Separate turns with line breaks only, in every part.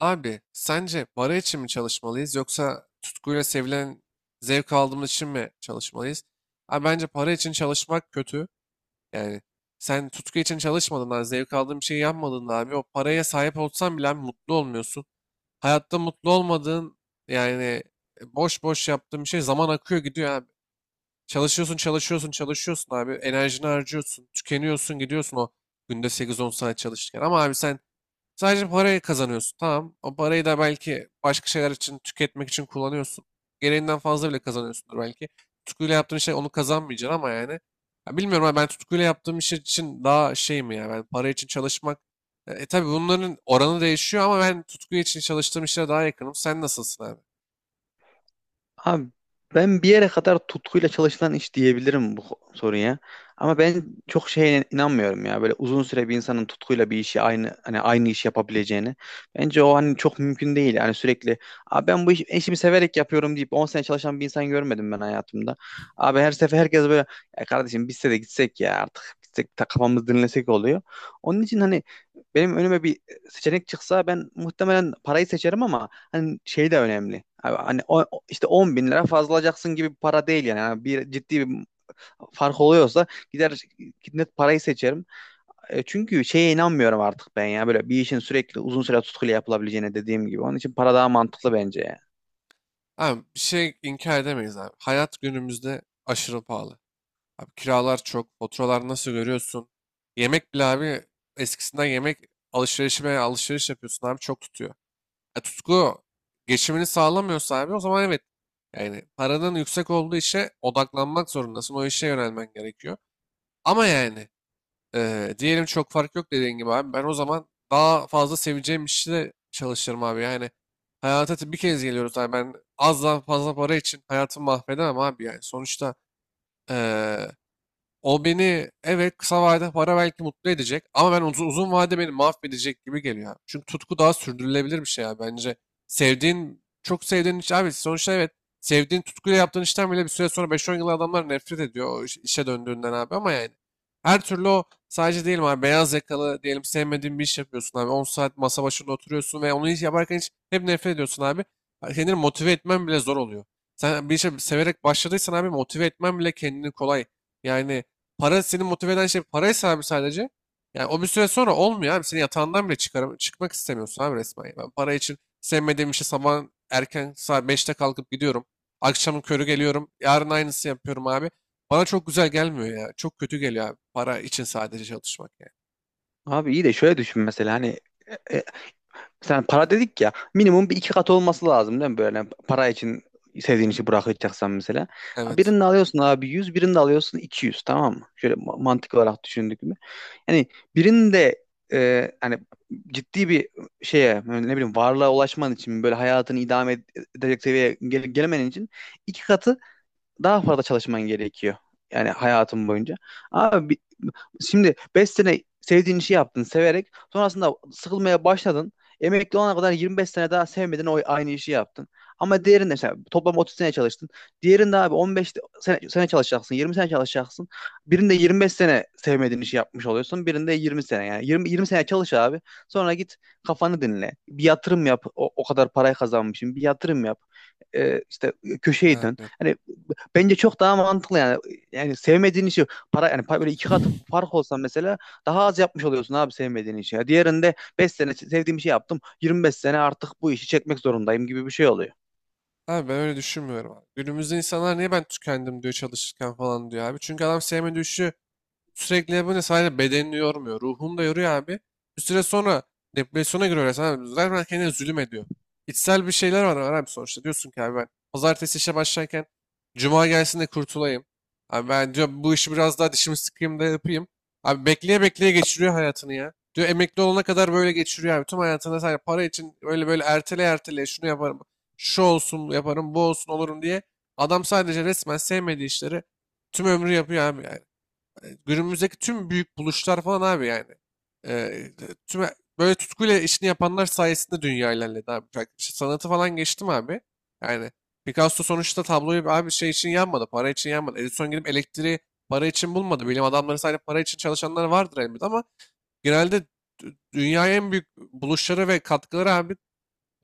Abi sence para için mi çalışmalıyız yoksa tutkuyla sevilen zevk aldığımız için mi çalışmalıyız? Abi bence para için çalışmak kötü. Yani sen tutku için çalışmadığında, zevk aldığın bir şey yapmadığında abi o paraya sahip olsan bile abi mutlu olmuyorsun. Hayatta mutlu olmadığın yani boş boş yaptığın bir şey zaman akıyor gidiyor abi. Çalışıyorsun çalışıyorsun çalışıyorsun abi enerjini harcıyorsun tükeniyorsun gidiyorsun o günde 8-10 saat çalışırken ama abi sen sadece parayı kazanıyorsun. Tamam. O parayı da belki başka şeyler için tüketmek için kullanıyorsun. Gereğinden fazla bile kazanıyorsundur belki. Tutkuyla yaptığın şey onu kazanmayacaksın ama yani. Ya bilmiyorum ama ben tutkuyla yaptığım iş için daha şey mi ya ben para için çalışmak. Tabii bunların oranı değişiyor ama ben tutku için çalıştığım işlere daha yakınım. Sen nasılsın abi?
Abi, ben bir yere kadar tutkuyla çalışılan iş diyebilirim bu soruya. Ama ben çok şeye inanmıyorum ya. Böyle uzun süre bir insanın tutkuyla bir işi aynı, hani aynı iş yapabileceğini, bence o hani çok mümkün değil. Yani sürekli... Abi ben bu işimi severek yapıyorum deyip 10 sene çalışan bir insan görmedim ben hayatımda. Abi her sefer herkes böyle, ya kardeşim biz de gitsek ya, artık gitsek ta kafamızı dinlesek oluyor. Onun için hani benim önüme bir seçenek çıksa ben muhtemelen parayı seçerim ama hani şey de önemli. Abi, hani o, işte 10 bin lira fazla alacaksın gibi bir para değil yani. Yani bir ciddi bir fark oluyorsa gider, net parayı seçerim. Çünkü şeye inanmıyorum artık ben ya, böyle bir işin sürekli uzun süre tutkuyla yapılabileceğine, dediğim gibi. Onun için para daha mantıklı bence ya.
Abi bir şey inkar edemeyiz abi. Hayat günümüzde aşırı pahalı. Abi kiralar çok, faturalar nasıl görüyorsun? Yemek bile abi eskisinden yemek alışverişime alışveriş yapıyorsun abi çok tutuyor. Tutku geçimini sağlamıyorsa abi o zaman evet. Yani paranın yüksek olduğu işe odaklanmak zorundasın. O işe yönelmen gerekiyor. Ama yani diyelim çok fark yok dediğin gibi abi. Ben o zaman daha fazla seveceğim işi de çalışırım abi. Yani hayata bir kez geliyoruz abi. Ben azdan fazla para için hayatımı mahvedemem abi yani. Sonuçta e, o beni evet kısa vadede para belki mutlu edecek ama ben uzun, uzun vade beni mahvedecek gibi geliyor abi. Çünkü tutku daha sürdürülebilir bir şey ya bence. Sevdiğin çok sevdiğin iş abi sonuçta evet sevdiğin tutkuyla yaptığın işten bile bir süre sonra 5-10 yıl adamlar nefret ediyor o işe döndüğünden abi ama yani her türlü o sadece diyelim abi beyaz yakalı diyelim sevmediğin bir iş yapıyorsun abi 10 saat masa başında oturuyorsun ve onu hiç yaparken hiç hep nefret ediyorsun abi. Kendini motive etmen bile zor oluyor. Sen bir işe severek başladıysan abi motive etmen bile kendini kolay. Yani para seni motive eden şey paraysa abi sadece. Yani o bir süre sonra olmuyor abi. Seni yatağından bile çıkmak istemiyorsun abi resmen. Yani ben para için sevmediğim işe sabah erken saat 5'te kalkıp gidiyorum. Akşamın körü geliyorum. Yarın aynısı yapıyorum abi. Bana çok güzel gelmiyor ya. Çok kötü geliyor abi. Para için sadece çalışmak yani.
Abi iyi de şöyle düşün mesela, hani e, e, sen para dedik ya, minimum bir iki kat olması lazım değil mi, böyle para için sevdiğin işi bırakacaksan mesela.
Evet.
Birini alıyorsun abi 100, birini alıyorsun 200, tamam mı? Şöyle mantık olarak düşündük mü? Yani birinin de, hani, ciddi bir şeye, ne bileyim, varlığa ulaşman için, böyle hayatını idame edecek seviyeye gelemen için iki katı daha fazla çalışman gerekiyor. Yani hayatın boyunca. Abi şimdi 5 sene sevdiğin işi yaptın severek, sonrasında sıkılmaya başladın. Emekli olana kadar 25 sene daha sevmedin, o aynı işi yaptın. Ama diğerinde mesela toplam 30 sene çalıştın. Diğerinde abi 15 sene çalışacaksın, 20 sene çalışacaksın. Birinde 25 sene sevmediğin işi yapmış oluyorsun. Birinde 20 sene yani. 20 sene çalış abi. Sonra git, kafanı dinle. Bir yatırım yap. O kadar parayı kazanmışsın. Bir yatırım yap. İşte köşeyi dön.
Abi yok.
Hani, bence çok daha mantıklı yani. Yani sevmediğin işi, para yani, böyle iki katı fark olsa mesela, daha az yapmış oluyorsun abi sevmediğin işi. Ya diğerinde 5 sene sevdiğim işi yaptım, 25 sene artık bu işi çekmek zorundayım gibi bir şey oluyor.
Abi ben öyle düşünmüyorum abi. Günümüzde insanlar niye ben tükendim diyor çalışırken falan diyor abi. Çünkü adam sevmediği işi sürekli yapınca sadece bedenini yormuyor. Ruhunu da yoruyor abi. Bir süre sonra depresyona giriyor resmen abi. Zaten kendine zulüm ediyor. İçsel bir şeyler var, var abi sonuçta. Diyorsun ki abi ben pazartesi işe başlarken cuma gelsin de kurtulayım. Abi ben diyor bu işi biraz daha dişimi sıkayım da yapayım. Abi bekleye bekleye geçiriyor hayatını ya. Diyor emekli olana kadar böyle geçiriyor abi. Tüm hayatında sadece para için böyle böyle ertele ertele şunu yaparım. Şu olsun yaparım bu olsun olurum diye. Adam sadece resmen sevmediği işleri tüm ömrü yapıyor abi. Yani günümüzdeki tüm büyük buluşlar falan abi yani. E, tüm böyle tutkuyla işini yapanlar sayesinde dünya ilerledi abi. Bak, işte sanatı falan geçtim abi. Yani Picasso sonuçta tabloyu abi şey için yanmadı, para için yanmadı. Edison gidip elektriği para için bulmadı. Bilim adamları sadece para için çalışanlar vardır elbette ama genelde dünyaya en büyük buluşları ve katkıları abi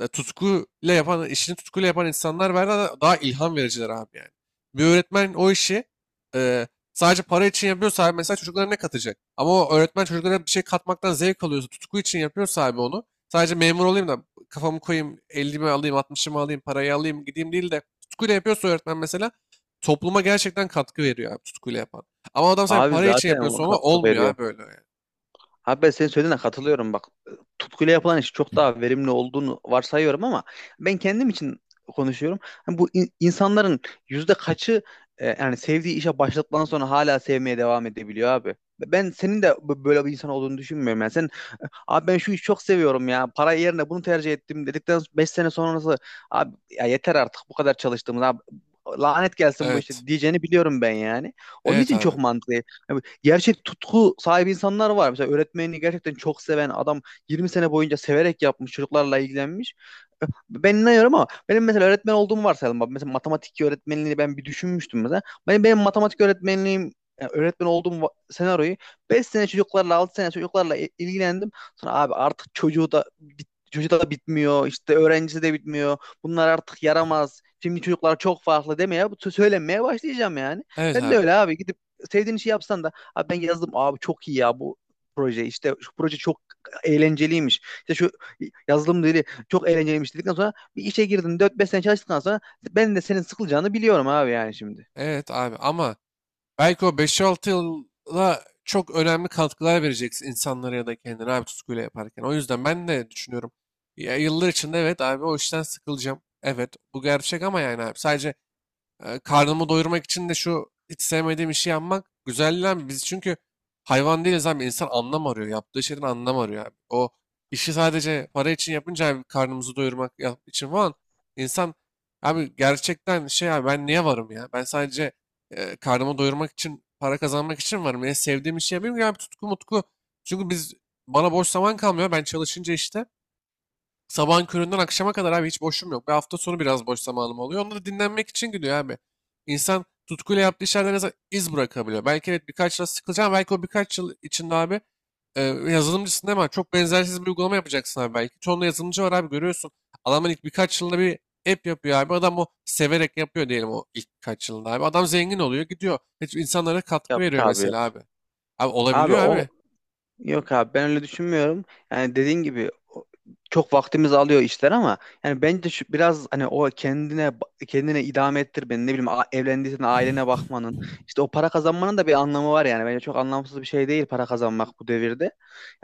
tutkuyla yapan, işini tutkuyla yapan insanlar var da daha ilham vericiler abi yani. Bir öğretmen o işi e, sadece para için yapıyorsa abi mesela çocuklara ne katacak? Ama o öğretmen çocuklara bir şey katmaktan zevk alıyorsa, tutku için yapıyorsa abi onu sadece memur olayım da kafamı koyayım, 50'mi alayım, 60'ımı alayım, parayı alayım gideyim değil de tutkuyla yapıyorsa öğretmen mesela topluma gerçekten katkı veriyor abi tutkuyla yapan. Ama adam sadece
Abi
para için
zaten o
yapıyorsa ona
katkı
olmuyor
veriyor.
abi böyle yani.
Abi, ben senin söylediğine katılıyorum, bak. Tutkuyla yapılan iş çok daha verimli olduğunu varsayıyorum ama ben kendim için konuşuyorum. Hani bu insanların yüzde kaçı, yani sevdiği işe başladıktan sonra hala sevmeye devam edebiliyor abi? Ben senin de böyle bir insan olduğunu düşünmüyorum. Yani sen, abi ben şu işi çok seviyorum ya, para yerine bunu tercih ettim dedikten 5 sene sonrası, abi ya yeter artık bu kadar çalıştığımız abi, lanet gelsin bu
Evet.
işte diyeceğini biliyorum ben yani. Onun
Evet
için
abi.
çok mantıklı. Yani gerçek tutku sahibi insanlar var. Mesela öğretmenini gerçekten çok seven adam 20 sene boyunca severek yapmış, çocuklarla ilgilenmiş. Ben inanıyorum ama benim mesela öğretmen olduğumu varsayalım. Bak mesela, matematik öğretmenliğini ben bir düşünmüştüm mesela. Benim matematik öğretmenliğim, yani öğretmen olduğum senaryoyu, 5 sene çocuklarla, 6 sene çocuklarla ilgilendim. Sonra abi artık çocuğu da çocuğu da bitmiyor, işte öğrencisi de bitmiyor, bunlar artık yaramaz, şimdi çocuklar çok farklı demeye, bu söylenmeye başlayacağım yani.
Evet
Sen de
abi.
öyle abi, gidip sevdiğin işi yapsan da, abi ben yazdım abi çok iyi ya bu proje, işte şu proje çok eğlenceliymiş, İşte şu yazılım dili çok eğlenceliymiş dedikten sonra, bir işe girdin dört beş sene çalıştıktan sonra, ben de senin sıkılacağını biliyorum abi yani şimdi.
Evet abi ama belki o 5-6 yıla çok önemli katkılar vereceksin insanlara ya da kendine abi tutkuyla yaparken. O yüzden ben de düşünüyorum. Ya yıllar içinde evet abi o işten sıkılacağım. Evet bu gerçek ama yani abi sadece karnımı doyurmak için de şu hiç sevmediğim işi yapmak güzel lan. Biz çünkü hayvan değiliz abi. İnsan anlam arıyor. Yaptığı şeyden anlam arıyor abi. O işi sadece para için yapınca abi karnımızı doyurmak için falan insan abi gerçekten şey abi ben niye varım ya? Ben sadece karnımı doyurmak için para kazanmak için varım. Yani sevdiğim işi yapayım ya bir tutku mutku. Çünkü biz bana boş zaman kalmıyor. Ben çalışınca işte sabahın köründen akşama kadar abi hiç boşum yok. Bir hafta sonu biraz boş zamanım oluyor. Onda da dinlenmek için gidiyor abi. İnsan tutkuyla yaptığı işlerden en azından iz bırakabiliyor. Belki evet birkaç yıl sıkılacağım. Belki o birkaç yıl içinde abi yazılımcısın değil mi? Çok benzersiz bir uygulama yapacaksın abi belki. Çoğunda yazılımcı var abi görüyorsun. Adamın ilk birkaç yılda bir app yapıyor abi. Adam o severek yapıyor diyelim o ilk birkaç yılında abi. Adam zengin oluyor gidiyor. Hiç insanlara katkı
Yok
veriyor
abi,
mesela
yok.
abi. Abi
Abi
olabiliyor
o...
abi.
Yok abi, ben öyle düşünmüyorum. Yani dediğin gibi, o- çok vaktimizi alıyor işler ama yani bence şu, biraz hani, o kendine kendine idame ettir, beni ne bileyim, evlendiysen ailene bakmanın, işte o para kazanmanın da bir anlamı var yani, bence çok anlamsız bir şey değil para kazanmak bu devirde.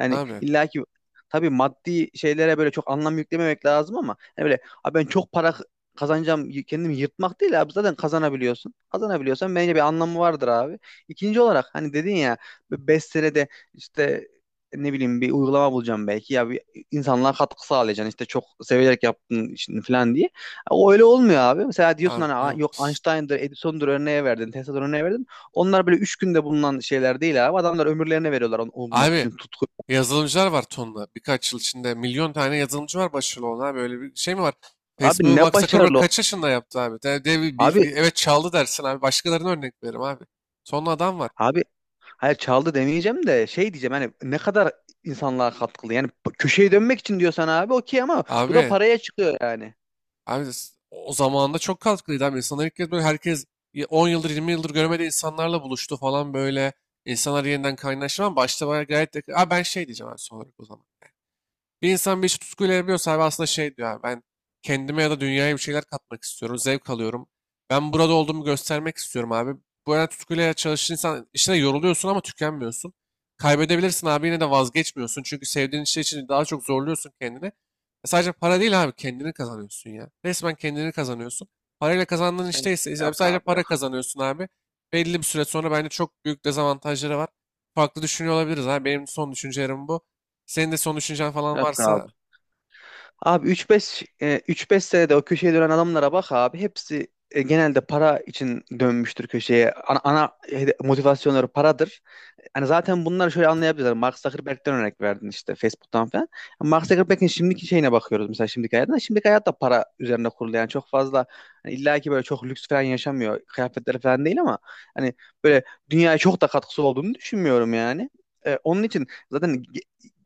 Yani
Abi.
illaki, tabii maddi şeylere böyle çok anlam yüklememek lazım, ama hani böyle abi ben çok para kazanacağım, kendimi yırtmak değil abi, zaten kazanabiliyorsun. Kazanabiliyorsan bence bir anlamı vardır abi. İkinci olarak, hani dedin ya, 5 senede işte ne bileyim bir uygulama bulacağım belki, ya bir insanlığa katkı sağlayacaksın, işte çok severek yaptın işini falan diye. O öyle olmuyor abi. Mesela diyorsun
Abi
hani,
ne
"Aa, yok
olmuş?
Einstein'dır, Edison'dur örneğe verdin, Tesla'dır örneğe verdin." Onlar böyle üç günde bulunan şeyler değil abi. Adamlar ömürlerini veriyorlar onu bulmak
Abi
için, tutku.
yazılımcılar var tonla. Birkaç yıl içinde milyon tane yazılımcı var başarılı olan abi. Öyle bir şey mi var?
Abi
Facebook'u
ne
Mark Zuckerberg
başarılı.
kaç yaşında yaptı abi?
Abi,
Evet çaldı dersin abi. Başkalarına örnek veririm abi. Tonla adam var.
abi hayır çaldı demeyeceğim de şey diyeceğim hani, ne kadar insanlığa katkılı. Yani köşeye dönmek için diyorsan abi okey, ama bu da
Abi,
paraya çıkıyor yani.
abi o zamanında çok katkılıydı abi. İnsanlar ilk kez böyle herkes 10 yıldır 20 yıldır görmediği insanlarla buluştu falan böyle. İnsanlar yeniden kaynaştı ama başta bayağı gayet de... Abi ben şey diyeceğim abi son olarak o zaman. Bir insan bir işi tutkuyla yapıyorsa abi aslında şey diyor abi, ben kendime ya da dünyaya bir şeyler katmak istiyorum. Zevk alıyorum. Ben burada olduğumu göstermek istiyorum abi. Bu arada tutkuyla çalışan insan işine yoruluyorsun ama tükenmiyorsun. Kaybedebilirsin abi yine de vazgeçmiyorsun. Çünkü sevdiğin şey için daha çok zorluyorsun kendini. E sadece para değil abi kendini kazanıyorsun ya. Resmen kendini kazanıyorsun. Parayla kazandığın
Yani
işteyse ise
yok
sadece
abi,
para
yok.
kazanıyorsun abi. Belli bir süre sonra bence çok büyük dezavantajları var. Farklı düşünüyor olabiliriz abi. Benim son düşüncelerim bu. Senin de son düşüncen falan
Yok
varsa
abi. Abi 3-5 senede o köşeye dönen adamlara bak abi. Hepsi genelde para için dönmüştür köşeye. Ana motivasyonları paradır. Yani zaten bunları şöyle anlayabiliriz. Mark Zuckerberg'den örnek verdin işte, Facebook'tan falan. Mark Zuckerberg'in şimdiki şeyine bakıyoruz mesela, şimdiki hayatına. Şimdiki hayat da para üzerine kurulu. Yani çok fazla, hani illa ki böyle çok lüks falan yaşamıyor, kıyafetleri falan değil, ama hani böyle dünyaya çok da katkısı olduğunu düşünmüyorum yani. Onun için zaten,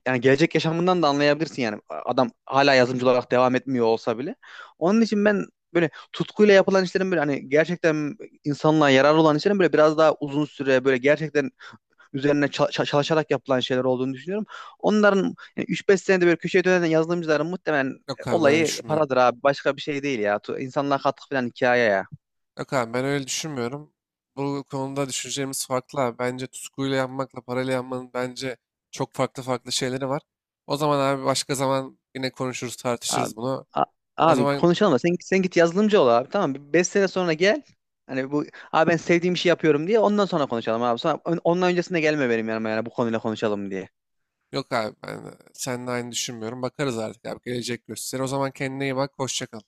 yani gelecek yaşamından da anlayabilirsin yani. Adam hala yazımcı olarak devam etmiyor olsa bile. Onun için ben böyle tutkuyla yapılan işlerin, böyle hani gerçekten insanlığa yararlı olan işlerin, böyle biraz daha uzun süre böyle gerçekten üzerine çalışarak yapılan şeyler olduğunu düşünüyorum. Onların, yani 3-5 senede böyle köşeye dönen yazılımcıların, muhtemelen
yok abi öyle
olayı
düşünmüyorum.
paradır abi. Başka bir şey değil ya. İnsanlığa katkı falan hikaye ya.
Yok abi ben öyle düşünmüyorum. Bu konuda düşüncelerimiz farklı abi. Bence tutkuyla yapmakla parayla yapmanın bence çok farklı farklı şeyleri var. O zaman abi başka zaman yine konuşuruz
Abi,
tartışırız bunu.
a-
O
abi
zaman
konuşalım da sen, git yazılımcı ol abi, tamam mı? 5 sene sonra gel. Hani bu, abi ben sevdiğim işi yapıyorum diye ondan sonra konuşalım abi. Sonra, ondan öncesinde gelme benim yanıma yani bu konuyla, konuşalım diye.
yok abi ben seninle aynı düşünmüyorum. Bakarız artık abi gelecek gösterir. O zaman kendine iyi bak hoşça kal.